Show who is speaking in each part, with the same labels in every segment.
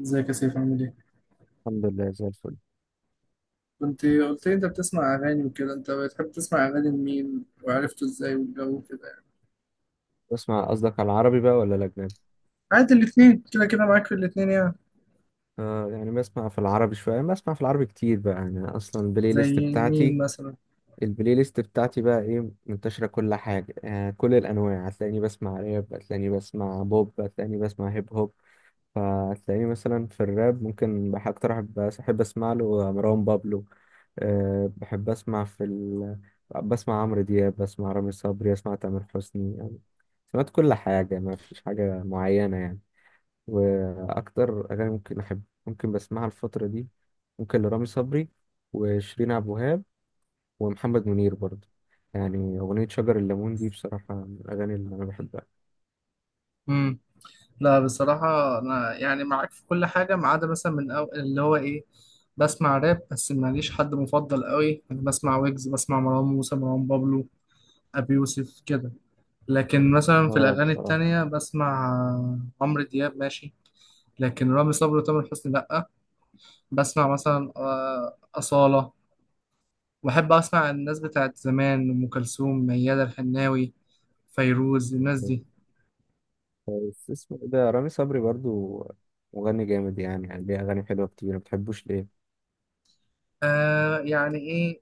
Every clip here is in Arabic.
Speaker 1: ازيك يا سيف، عامل ايه؟
Speaker 2: الحمد لله، زي الفل.
Speaker 1: كنت قلت لي انت بتسمع اغاني وكده، انت بتحب تسمع اغاني لمين وعرفته ازاي والجو وكده يعني.
Speaker 2: بسمع، قصدك على العربي بقى ولا الأجنبي؟
Speaker 1: عادي، الاتنين كده كده، معاك في الاتنين يعني.
Speaker 2: آه يعني بسمع في العربي شوية، بسمع في العربي كتير بقى، يعني أصلا البلاي ليست
Speaker 1: زي مين
Speaker 2: بتاعتي
Speaker 1: مثلا؟
Speaker 2: البلاي ليست بتاعتي بقى، إيه، منتشرة كل حاجة، آه كل الأنواع، هتلاقيني بسمع راب، هتلاقيني بسمع بوب، هتلاقيني بسمع هيب هوب. فهتلاقيني مثلا في الراب، ممكن أكتر أحب أسمع له مروان بابلو. آه بحب أسمع في ال... بسمع عمرو دياب، بسمع رامي صبري، بسمع تامر حسني يعني. سمعت كل حاجة، ما فيش حاجة معينة يعني. واكتر اغاني ممكن بسمعها الفتره دي، ممكن لرامي صبري وشيرين عبد الوهاب ومحمد منير برضه. يعني اغنيه شجر الليمون دي بصراحه من الاغاني اللي انا بحبها.
Speaker 1: امم لا، بصراحة انا يعني معاك في كل حاجة، ما عدا مثلا اللي هو ايه. بسمع راب بس ماليش حد مفضل قوي، يعني بسمع ويجز، بسمع مروان موسى، مروان بابلو، ابي يوسف كده. لكن مثلا في
Speaker 2: اه
Speaker 1: الأغاني
Speaker 2: بصراحه
Speaker 1: التانية، بسمع عمرو دياب ماشي. لكن رامي صبري وتامر حسني لأ. بسمع مثلا أصالة. وأحب أسمع الناس بتاعت زمان، أم كلثوم، ميادة الحناوي، فيروز، الناس
Speaker 2: يعني.
Speaker 1: دي.
Speaker 2: بس اسمه إيه ده، رامي صبري برضه مغني جامد يعني ليه اغاني حلوه كتير، ما بتحبوش ليه؟
Speaker 1: آه، يعني إيه،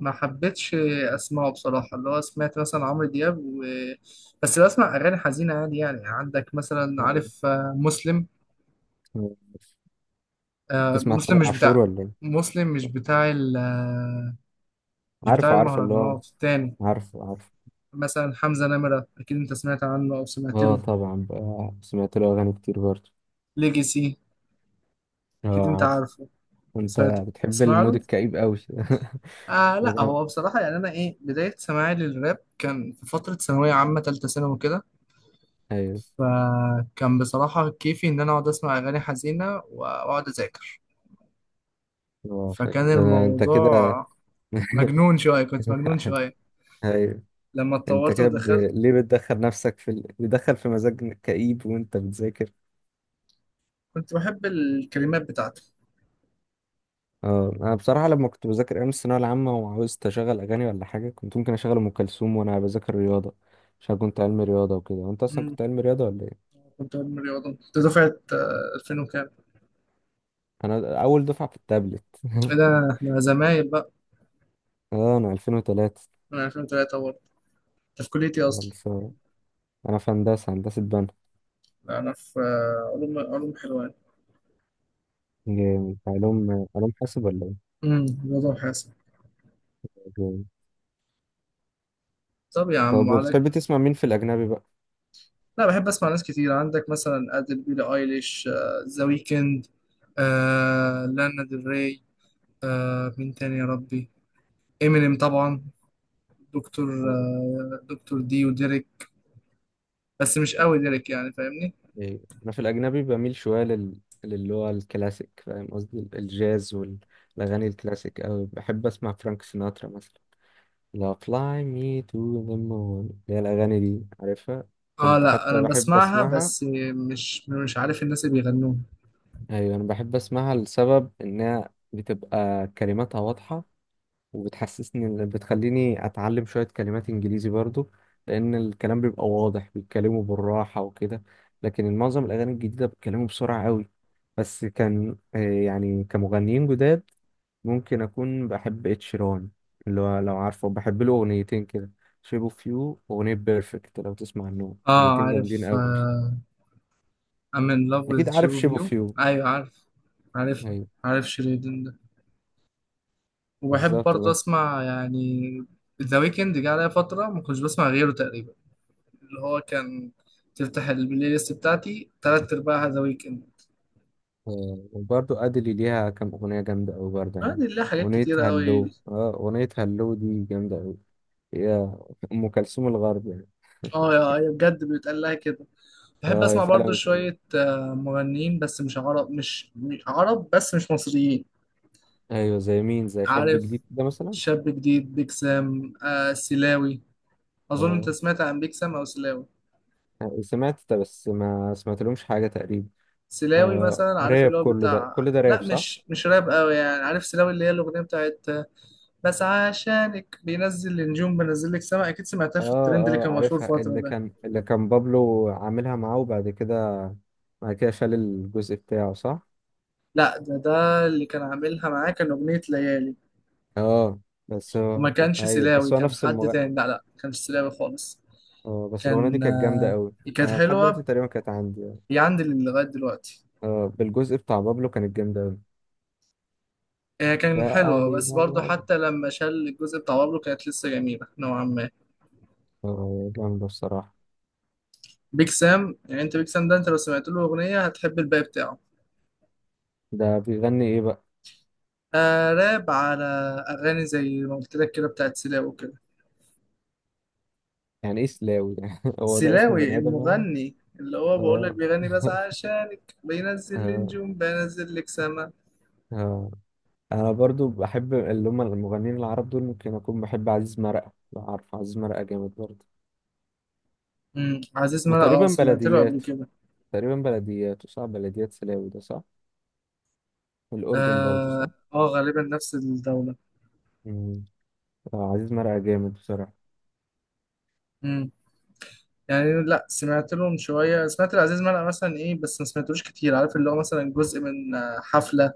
Speaker 1: ما حبيتش. أسمعه بصراحة اللي هو سمعت مثلا عمرو دياب و... بس بسمع أغاني حزينة عادي يعني، عندك مثلا، عارف مسلم.
Speaker 2: آه،
Speaker 1: آه،
Speaker 2: بتسمع
Speaker 1: مسلم
Speaker 2: تامر
Speaker 1: مش
Speaker 2: عاشور
Speaker 1: بتاع.
Speaker 2: ولا ايه؟
Speaker 1: مسلم مش بتاع ال مش بتاع
Speaker 2: عارف اللي هو،
Speaker 1: المهرجانات التاني.
Speaker 2: عارف.
Speaker 1: مثلا حمزة نمرة، أكيد أنت سمعت عنه أو سمعت
Speaker 2: اه
Speaker 1: له.
Speaker 2: طبعا بقى سمعت له اغاني كتير برضه.
Speaker 1: ليجاسي، أكيد
Speaker 2: اه
Speaker 1: أنت
Speaker 2: عارف.
Speaker 1: عارف،
Speaker 2: انت
Speaker 1: سمعت،
Speaker 2: بتحب
Speaker 1: تسمع
Speaker 2: المود
Speaker 1: له؟
Speaker 2: الكئيب قوي.
Speaker 1: آه
Speaker 2: ده
Speaker 1: لا،
Speaker 2: ده
Speaker 1: هو بصراحة يعني أنا إيه، بداية سماعي للراب كان في فترة ثانوية عامة، تالتة ثانوي كده.
Speaker 2: ايوه.
Speaker 1: فكان بصراحة كيفي إن أنا أقعد أسمع أغاني حزينة وأقعد أذاكر.
Speaker 2: هو فاهم،
Speaker 1: فكان
Speaker 2: ده انت كده.
Speaker 1: الموضوع مجنون شوية، كنت مجنون شوية.
Speaker 2: ايوه.
Speaker 1: لما
Speaker 2: انت
Speaker 1: اتطورت
Speaker 2: كده
Speaker 1: ودخلت.
Speaker 2: ليه بتدخل نفسك بتدخل في مزاج كئيب وانت بتذاكر؟
Speaker 1: كنت بحب الكلمات بتاعته.
Speaker 2: اه انا بصراحه لما كنت بذاكر ايام الثانويه العامه وعاوزت اشغل اغاني ولا حاجه، كنت ممكن اشغل ام كلثوم وانا بذاكر رياضه، عشان كنت علمي رياضه وكده. وانت اصلا
Speaker 1: مم.
Speaker 2: كنت علمي رياضه ولا ايه؟
Speaker 1: كنت علم رياضة، كنت دفعة 2000 وكام.
Speaker 2: انا اول دفعه في التابلت.
Speaker 1: إيه ده، إحنا زمايل بقى.
Speaker 2: اه، انا 2003
Speaker 1: من 2003 برضه. أنت في كليتي أصلا.
Speaker 2: خلصان. انا في هندسه بنا.
Speaker 1: أنا في علوم حلوان.
Speaker 2: جامد، علوم حاسب ولا
Speaker 1: رياضة وحاسب.
Speaker 2: ايه؟
Speaker 1: طب يا عم
Speaker 2: طب وبتحب
Speaker 1: عليك.
Speaker 2: تسمع مين في الأجنبي بقى؟
Speaker 1: لا، بحب اسمع ناس كتير، عندك مثلا ادل، بيلي ايليش، ذا ويكند. لانا ديل ري. مين تاني يا ربي. امينيم طبعا. دكتور دي وديريك. بس مش قوي ديريك، يعني فاهمني.
Speaker 2: إيه، أنا في الأجنبي بميل شوية للي هو الكلاسيك، فاهم قصدي الجاز والأغاني الكلاسيك أوي. بحب أسمع فرانك سيناترا مثلا، لا fly me to the moon، اللي هي الأغاني دي، عارفها.
Speaker 1: اه
Speaker 2: كنت
Speaker 1: لا،
Speaker 2: حتى
Speaker 1: انا
Speaker 2: بحب
Speaker 1: بسمعها
Speaker 2: أسمعها.
Speaker 1: بس. مش عارف الناس اللي بيغنوها.
Speaker 2: أيوة، أنا بحب أسمعها لسبب إنها بتبقى كلماتها واضحة، وبتحسسني بتخليني اتعلم شوية كلمات انجليزي برضو، لان الكلام بيبقى واضح، بيتكلموا بالراحة وكده. لكن معظم الاغاني الجديدة بيتكلموا بسرعة قوي. بس كان يعني كمغنيين جداد، ممكن اكون بحب اتشيران، اللي هو لو عارفه بحب له اغنيتين كده، شيب اوف يو واغنية بيرفكت، لو تسمع عنهم،
Speaker 1: اه
Speaker 2: اغنيتين جامدين
Speaker 1: عارف،
Speaker 2: قوي.
Speaker 1: آه. I'm in love with
Speaker 2: اكيد عارف شيب
Speaker 1: you.
Speaker 2: اوف يو.
Speaker 1: ايوه عارف، عارفها.
Speaker 2: ايوه،
Speaker 1: عارف شيرين. وبحب
Speaker 2: بالظبط.
Speaker 1: برضه اسمع يعني. ذا ويكند جه عليا فتره ما كنتش بسمع غيره تقريبا. اللي هو كان، تفتح البلاي ليست بتاعتي تلات ارباعها ذا ويكند.
Speaker 2: آه، وبرضه أدلي ليها كام أغنية جامدة أوي برضه يعني.
Speaker 1: عندي لله حاجات كتيره قوي.
Speaker 2: أغنية هلو دي جامدة أوي. هي أم كلثوم الغرب يعني.
Speaker 1: اه، يا يا بجد بيتقال لها كده. بحب
Speaker 2: اه، هي
Speaker 1: اسمع برضه
Speaker 2: فعلا بتقلد.
Speaker 1: شويه مغنيين، بس مش عرب، مش عرب بس مش مصريين.
Speaker 2: أيوه، زي مين؟ زي شاب
Speaker 1: عارف
Speaker 2: جديد كده مثلا.
Speaker 1: شاب جديد، بيك سام، سلاوي. اظن انت
Speaker 2: اه،
Speaker 1: سمعت عن بيك سام او سلاوي.
Speaker 2: سمعت ده، بس ما سمعتلهمش حاجة تقريبا.
Speaker 1: سلاوي
Speaker 2: آه
Speaker 1: مثلا، عارف
Speaker 2: راب،
Speaker 1: اللي هو
Speaker 2: كل ده
Speaker 1: بتاع،
Speaker 2: كل ده راب،
Speaker 1: لا
Speaker 2: صح؟
Speaker 1: مش راب قوي يعني، عارف سلاوي اللي هي الاغنيه بتاعت. بس عشانك بينزل النجوم بنزل لك سما، اكيد سمعتها في
Speaker 2: اه.
Speaker 1: الترند اللي كان
Speaker 2: اه
Speaker 1: مشهور
Speaker 2: عارفها،
Speaker 1: فتره
Speaker 2: اللي
Speaker 1: ده.
Speaker 2: كان اللي كان بابلو عاملها معاه، وبعد كده بعد كده شال الجزء بتاعه، صح؟
Speaker 1: لا، ده اللي كان عاملها معاه كان اغنيه ليالي.
Speaker 2: اه بس
Speaker 1: وما
Speaker 2: هو
Speaker 1: كانش
Speaker 2: ايوه،
Speaker 1: سلاوي،
Speaker 2: بس هو
Speaker 1: كان
Speaker 2: نفس
Speaker 1: حد
Speaker 2: المغني.
Speaker 1: تاني، لا لا، ما كانش سلاوي خالص.
Speaker 2: اه بس الأغنية دي
Speaker 1: كان
Speaker 2: كانت جامدة قوي.
Speaker 1: كانت
Speaker 2: أنا لحد دلوقتي
Speaker 1: حلوه.
Speaker 2: تقريبا كانت عندي يعني.
Speaker 1: هي عندي لغايه دلوقتي.
Speaker 2: اه، بالجزء بتاع بابلو كانت جامدة قوي.
Speaker 1: هي كان
Speaker 2: لا
Speaker 1: حلوه،
Speaker 2: علي،
Speaker 1: بس
Speaker 2: لا
Speaker 1: برضه
Speaker 2: علي.
Speaker 1: حتى لما شال الجزء بتاع بابلو كانت لسه جميله نوعا ما.
Speaker 2: اه جامدة بصراحة.
Speaker 1: بيك سام، يعني انت بيك سام ده، انت لو سمعت له اغنيه هتحب الباقي بتاعه.
Speaker 2: ده بيغني إيه بقى؟
Speaker 1: آه، راب على اغاني زي ما قلت لك كده بتاعت سلاوي كده.
Speaker 2: يعني إيه سلاوي؟ يعني هو ده اسم
Speaker 1: سلاوي
Speaker 2: بني آدم يعني؟
Speaker 1: المغني، اللي هو بقول لك
Speaker 2: اه.
Speaker 1: بيغني بس عشانك بينزل لي
Speaker 2: اه.
Speaker 1: نجوم بينزل لك سما.
Speaker 2: اه. أنا برضو بحب اللي هم المغنيين العرب دول، ممكن أكون بحب عزيز مرقة، لو عارف عزيز مرقة جامد برضه.
Speaker 1: عزيز
Speaker 2: ما
Speaker 1: مرقة، اه،
Speaker 2: تقريبا
Speaker 1: سمعت له قبل
Speaker 2: بلديات،
Speaker 1: كده.
Speaker 2: صح، بلديات سلاوي ده، صح؟ الأردن برضه،
Speaker 1: اه،
Speaker 2: صح؟
Speaker 1: غالبا نفس الدولة.
Speaker 2: مم. آه، عزيز مرقة جامد بصراحة.
Speaker 1: امم يعني لا، سمعت لهم شوية، سمعت لعزيز مرقة مثلا ايه، بس ما سمعتلوش كتير، عارف اللي هو مثلا جزء من حفلة.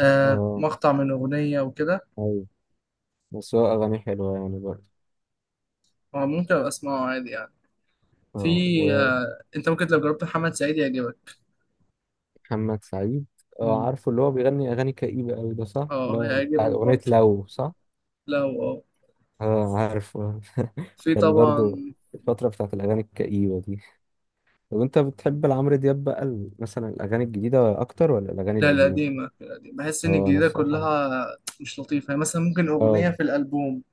Speaker 1: آه،
Speaker 2: اه،
Speaker 1: مقطع من أغنية وكده.
Speaker 2: ايوه، بس هو أغاني حلوة يعني برضه.
Speaker 1: ممكن أبقى أسمعه عادي يعني. في
Speaker 2: اه.
Speaker 1: انت ممكن لو جربت محمد سعيد يعجبك.
Speaker 2: ومحمد سعيد؟ اه عارفه، اللي هو بيغني أغاني كئيبة أوي، ده صح؟ اللي
Speaker 1: اه،
Speaker 2: هو بتاع
Speaker 1: هيعجبك
Speaker 2: أغنية
Speaker 1: برضه.
Speaker 2: لو، صح؟
Speaker 1: لا، هو اه.
Speaker 2: اه عارفه.
Speaker 1: في
Speaker 2: كان برضه
Speaker 1: طبعا.
Speaker 2: الفترة بتاعت الأغاني الكئيبة دي. طب أنت بتحب لعمرو دياب بقى مثلا الأغاني الجديدة أكتر ولا الأغاني
Speaker 1: لا،
Speaker 2: القديمة؟
Speaker 1: القديمة القديمة، بحس إن
Speaker 2: اه أنا
Speaker 1: الجديدة
Speaker 2: بصراحة.
Speaker 1: كلها مش لطيفة يعني، مثلا ممكن
Speaker 2: اه،
Speaker 1: أغنية في الألبوم.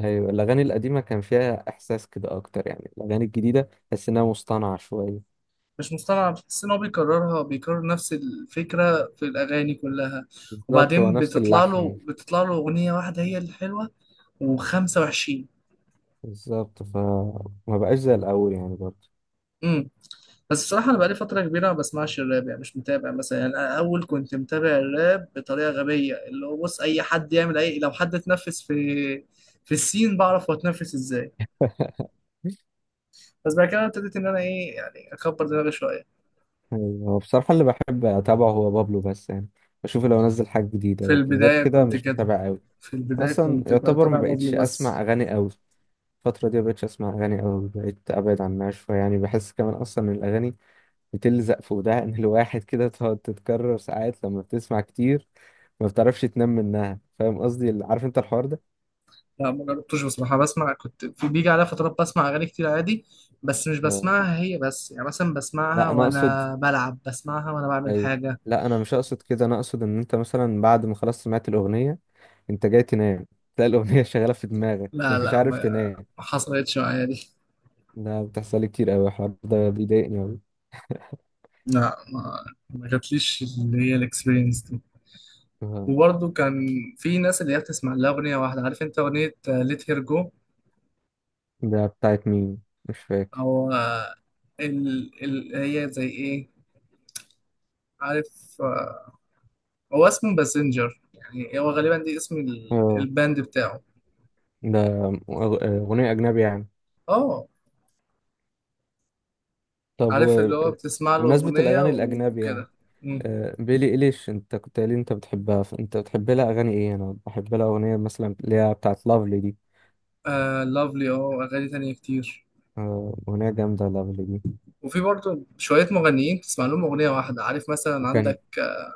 Speaker 2: أيوة، الأغاني القديمة كان فيها إحساس كده أكتر يعني. الأغاني الجديدة تحس إنها مصطنعة شوية.
Speaker 1: مش مصطنعة، بتحس إن هو بيكررها، بيكرر نفس الفكرة في الأغاني كلها.
Speaker 2: بالظبط، هو
Speaker 1: وبعدين
Speaker 2: نفس
Speaker 1: بتطلع له
Speaker 2: اللحن.
Speaker 1: بتطلع له أغنية واحدة هي الحلوة و25.
Speaker 2: بالظبط، فما بقاش زي الأول يعني برضه.
Speaker 1: امم بس بصراحة أنا بقالي فترة كبيرة ما بسمعش الراب، يعني مش متابع مثلا، يعني أنا أول كنت متابع الراب بطريقة غبية، اللي هو بص أي حد يعمل أي، لو حد اتنفس في في السين بعرف هو اتنفس إزاي. بس بعد كده ابتديت إن أنا إيه، يعني أكبر دماغي شوية.
Speaker 2: ايوه، هو بصراحة اللي بحب أتابعه هو بابلو بس يعني، بشوف لو نزل حاجة جديدة،
Speaker 1: في
Speaker 2: لكن غير
Speaker 1: البداية
Speaker 2: كده
Speaker 1: كنت
Speaker 2: مش
Speaker 1: كده.
Speaker 2: متابع أوي.
Speaker 1: في البداية
Speaker 2: أصلا
Speaker 1: كنت
Speaker 2: يعتبر ما
Speaker 1: بتابع
Speaker 2: بقتش
Speaker 1: بابلو بس.
Speaker 2: أسمع أغاني أوي الفترة دي، ما بقتش أسمع أغاني أوي، بقيت أبعد عنها شوية يعني، بحس كمان أصلا إن الأغاني بتلزق في ودان الواحد كده، تقعد تتكرر ساعات لما بتسمع كتير، ما بتعرفش تنام منها. فاهم قصدي، عارف أنت الحوار ده؟
Speaker 1: لا، ما جربتوش بصراحة، بسمع كنت في، بيجي عليا فترات بسمع أغاني كتير عادي. بس مش
Speaker 2: آه.
Speaker 1: بسمعها هي بس، يعني مثلا بسمعها
Speaker 2: لا أنا أقصد،
Speaker 1: وأنا بلعب، بسمعها وأنا بعمل
Speaker 2: أي
Speaker 1: حاجة.
Speaker 2: لا أنا مش أقصد كده، أنا أقصد إن أنت مثلا بعد ما خلاص سمعت الأغنية، انت جاي تنام، تلاقي الاغنيه شغاله في دماغك
Speaker 1: لا
Speaker 2: فمش
Speaker 1: لا، ما
Speaker 2: عارف تنام.
Speaker 1: ما حصلتش معايا دي.
Speaker 2: ده بتحصل لي كتير قوي، الحوار ده بيضايقني قوي.
Speaker 1: لا، ما جاتليش اللي هي الاكسبيرينس دي.
Speaker 2: آه،
Speaker 1: وبرضه كان في ناس اللي هي بتسمع لها أغنية واحدة، عارف أنت أغنية ليت هير جو.
Speaker 2: ده بتاعت مين؟ مش فاكر.
Speaker 1: أو هي زي إيه. عارف، آه، هو اسمه باسنجر، يعني هو غالبا دي اسم
Speaker 2: اه،
Speaker 1: الباند بتاعه.
Speaker 2: ده اغنيه اجنبي يعني.
Speaker 1: اه،
Speaker 2: طب،
Speaker 1: عارف
Speaker 2: و،
Speaker 1: اللي هو بتسمع له
Speaker 2: بمناسبه
Speaker 1: أغنية
Speaker 2: الاغاني الاجنبي يعني،
Speaker 1: وكده. مم.
Speaker 2: بيلي إيليش، انت كنت قايل لي انت بتحبها، فانت بتحب لها اغاني ايه؟ انا بحب لها اغنيه مثلا اللي هي بتاعت لافلي دي.
Speaker 1: آه، لافلي، اه، أغاني تانية كتير.
Speaker 2: اغنيه جامده لافلي دي.
Speaker 1: وفي برضه شوية مغنيين بتسمع لهم أغنية واحدة، عارف مثلا
Speaker 2: وكان
Speaker 1: عندك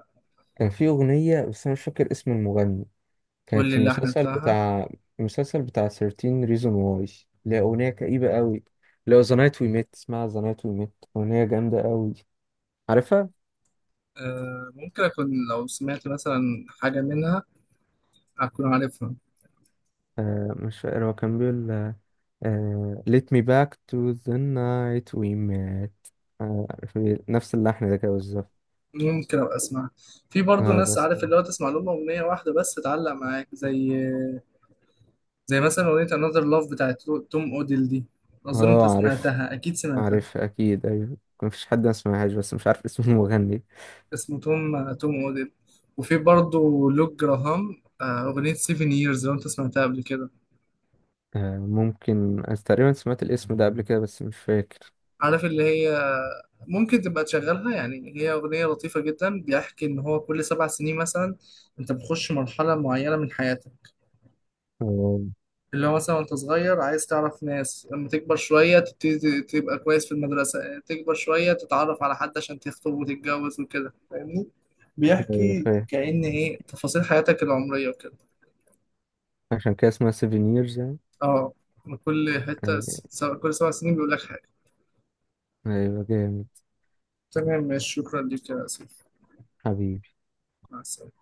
Speaker 2: كان في اغنيه، بس انا مش فاكر اسم المغني،
Speaker 1: قول
Speaker 2: كانت
Speaker 1: لي
Speaker 2: في
Speaker 1: اللحن بتاعها.
Speaker 2: المسلسل بتاع 13 reason why، ليها أغنية كئيبة قوي، لو The Night We Met، اسمها The Night We Met، أغنية جامدة قوي، عارفها؟
Speaker 1: ممكن أكون لو سمعت مثلا حاجة منها، أكون عارفها.
Speaker 2: آه، مش فاكر، هو كان بيقول آه Let me back to the night we met، آه في نفس اللحن ده كده بالظبط.
Speaker 1: ممكن أبقى أسمعها. في برضو
Speaker 2: اه
Speaker 1: ناس
Speaker 2: بس.
Speaker 1: عارف، اللي هو تسمع لهم أغنية واحدة بس تتعلق معاك، زي زي مثلا أغنية Another Love بتاعت توم أوديل دي. أظن أنت
Speaker 2: اه عارف
Speaker 1: سمعتها، أكيد سمعتها.
Speaker 2: عارف أكيد، أيوه، مفيش حد ما سمعهاش، بس مش عارف اسم المغني.
Speaker 1: اسمه توم أوديل. وفي برضو لوك جراهام، أغنية 7 Years لو أنت سمعتها قبل كده.
Speaker 2: آه، ممكن، أنا تقريبا سمعت الاسم ده قبل كده بس مش فاكر.
Speaker 1: عارف اللي هي، ممكن تبقى تشغلها يعني، هي أغنية لطيفة جدا، بيحكي إن هو كل 7 سنين مثلا أنت بتخش مرحلة معينة من حياتك.
Speaker 2: آه،
Speaker 1: اللي هو مثلا وانت صغير عايز تعرف ناس، لما تكبر شوية تبتدي تبقى كويس في المدرسة، تكبر شوية تتعرف على حد عشان تخطب وتتجوز وكده، فاهمني.
Speaker 2: أيوة
Speaker 1: بيحكي
Speaker 2: فاهم.
Speaker 1: كأن ايه تفاصيل حياتك العمرية وكده.
Speaker 2: عشان كده اسمها سيفينيرز يعني.
Speaker 1: اه، من كل حتة
Speaker 2: أي-
Speaker 1: كل 7 سنين بيقول لك حاجة.
Speaker 2: أيوة جامد.
Speaker 1: تمام، ماشي، شكرا ليك يا سيف.
Speaker 2: حبيبي.
Speaker 1: مع السلامة.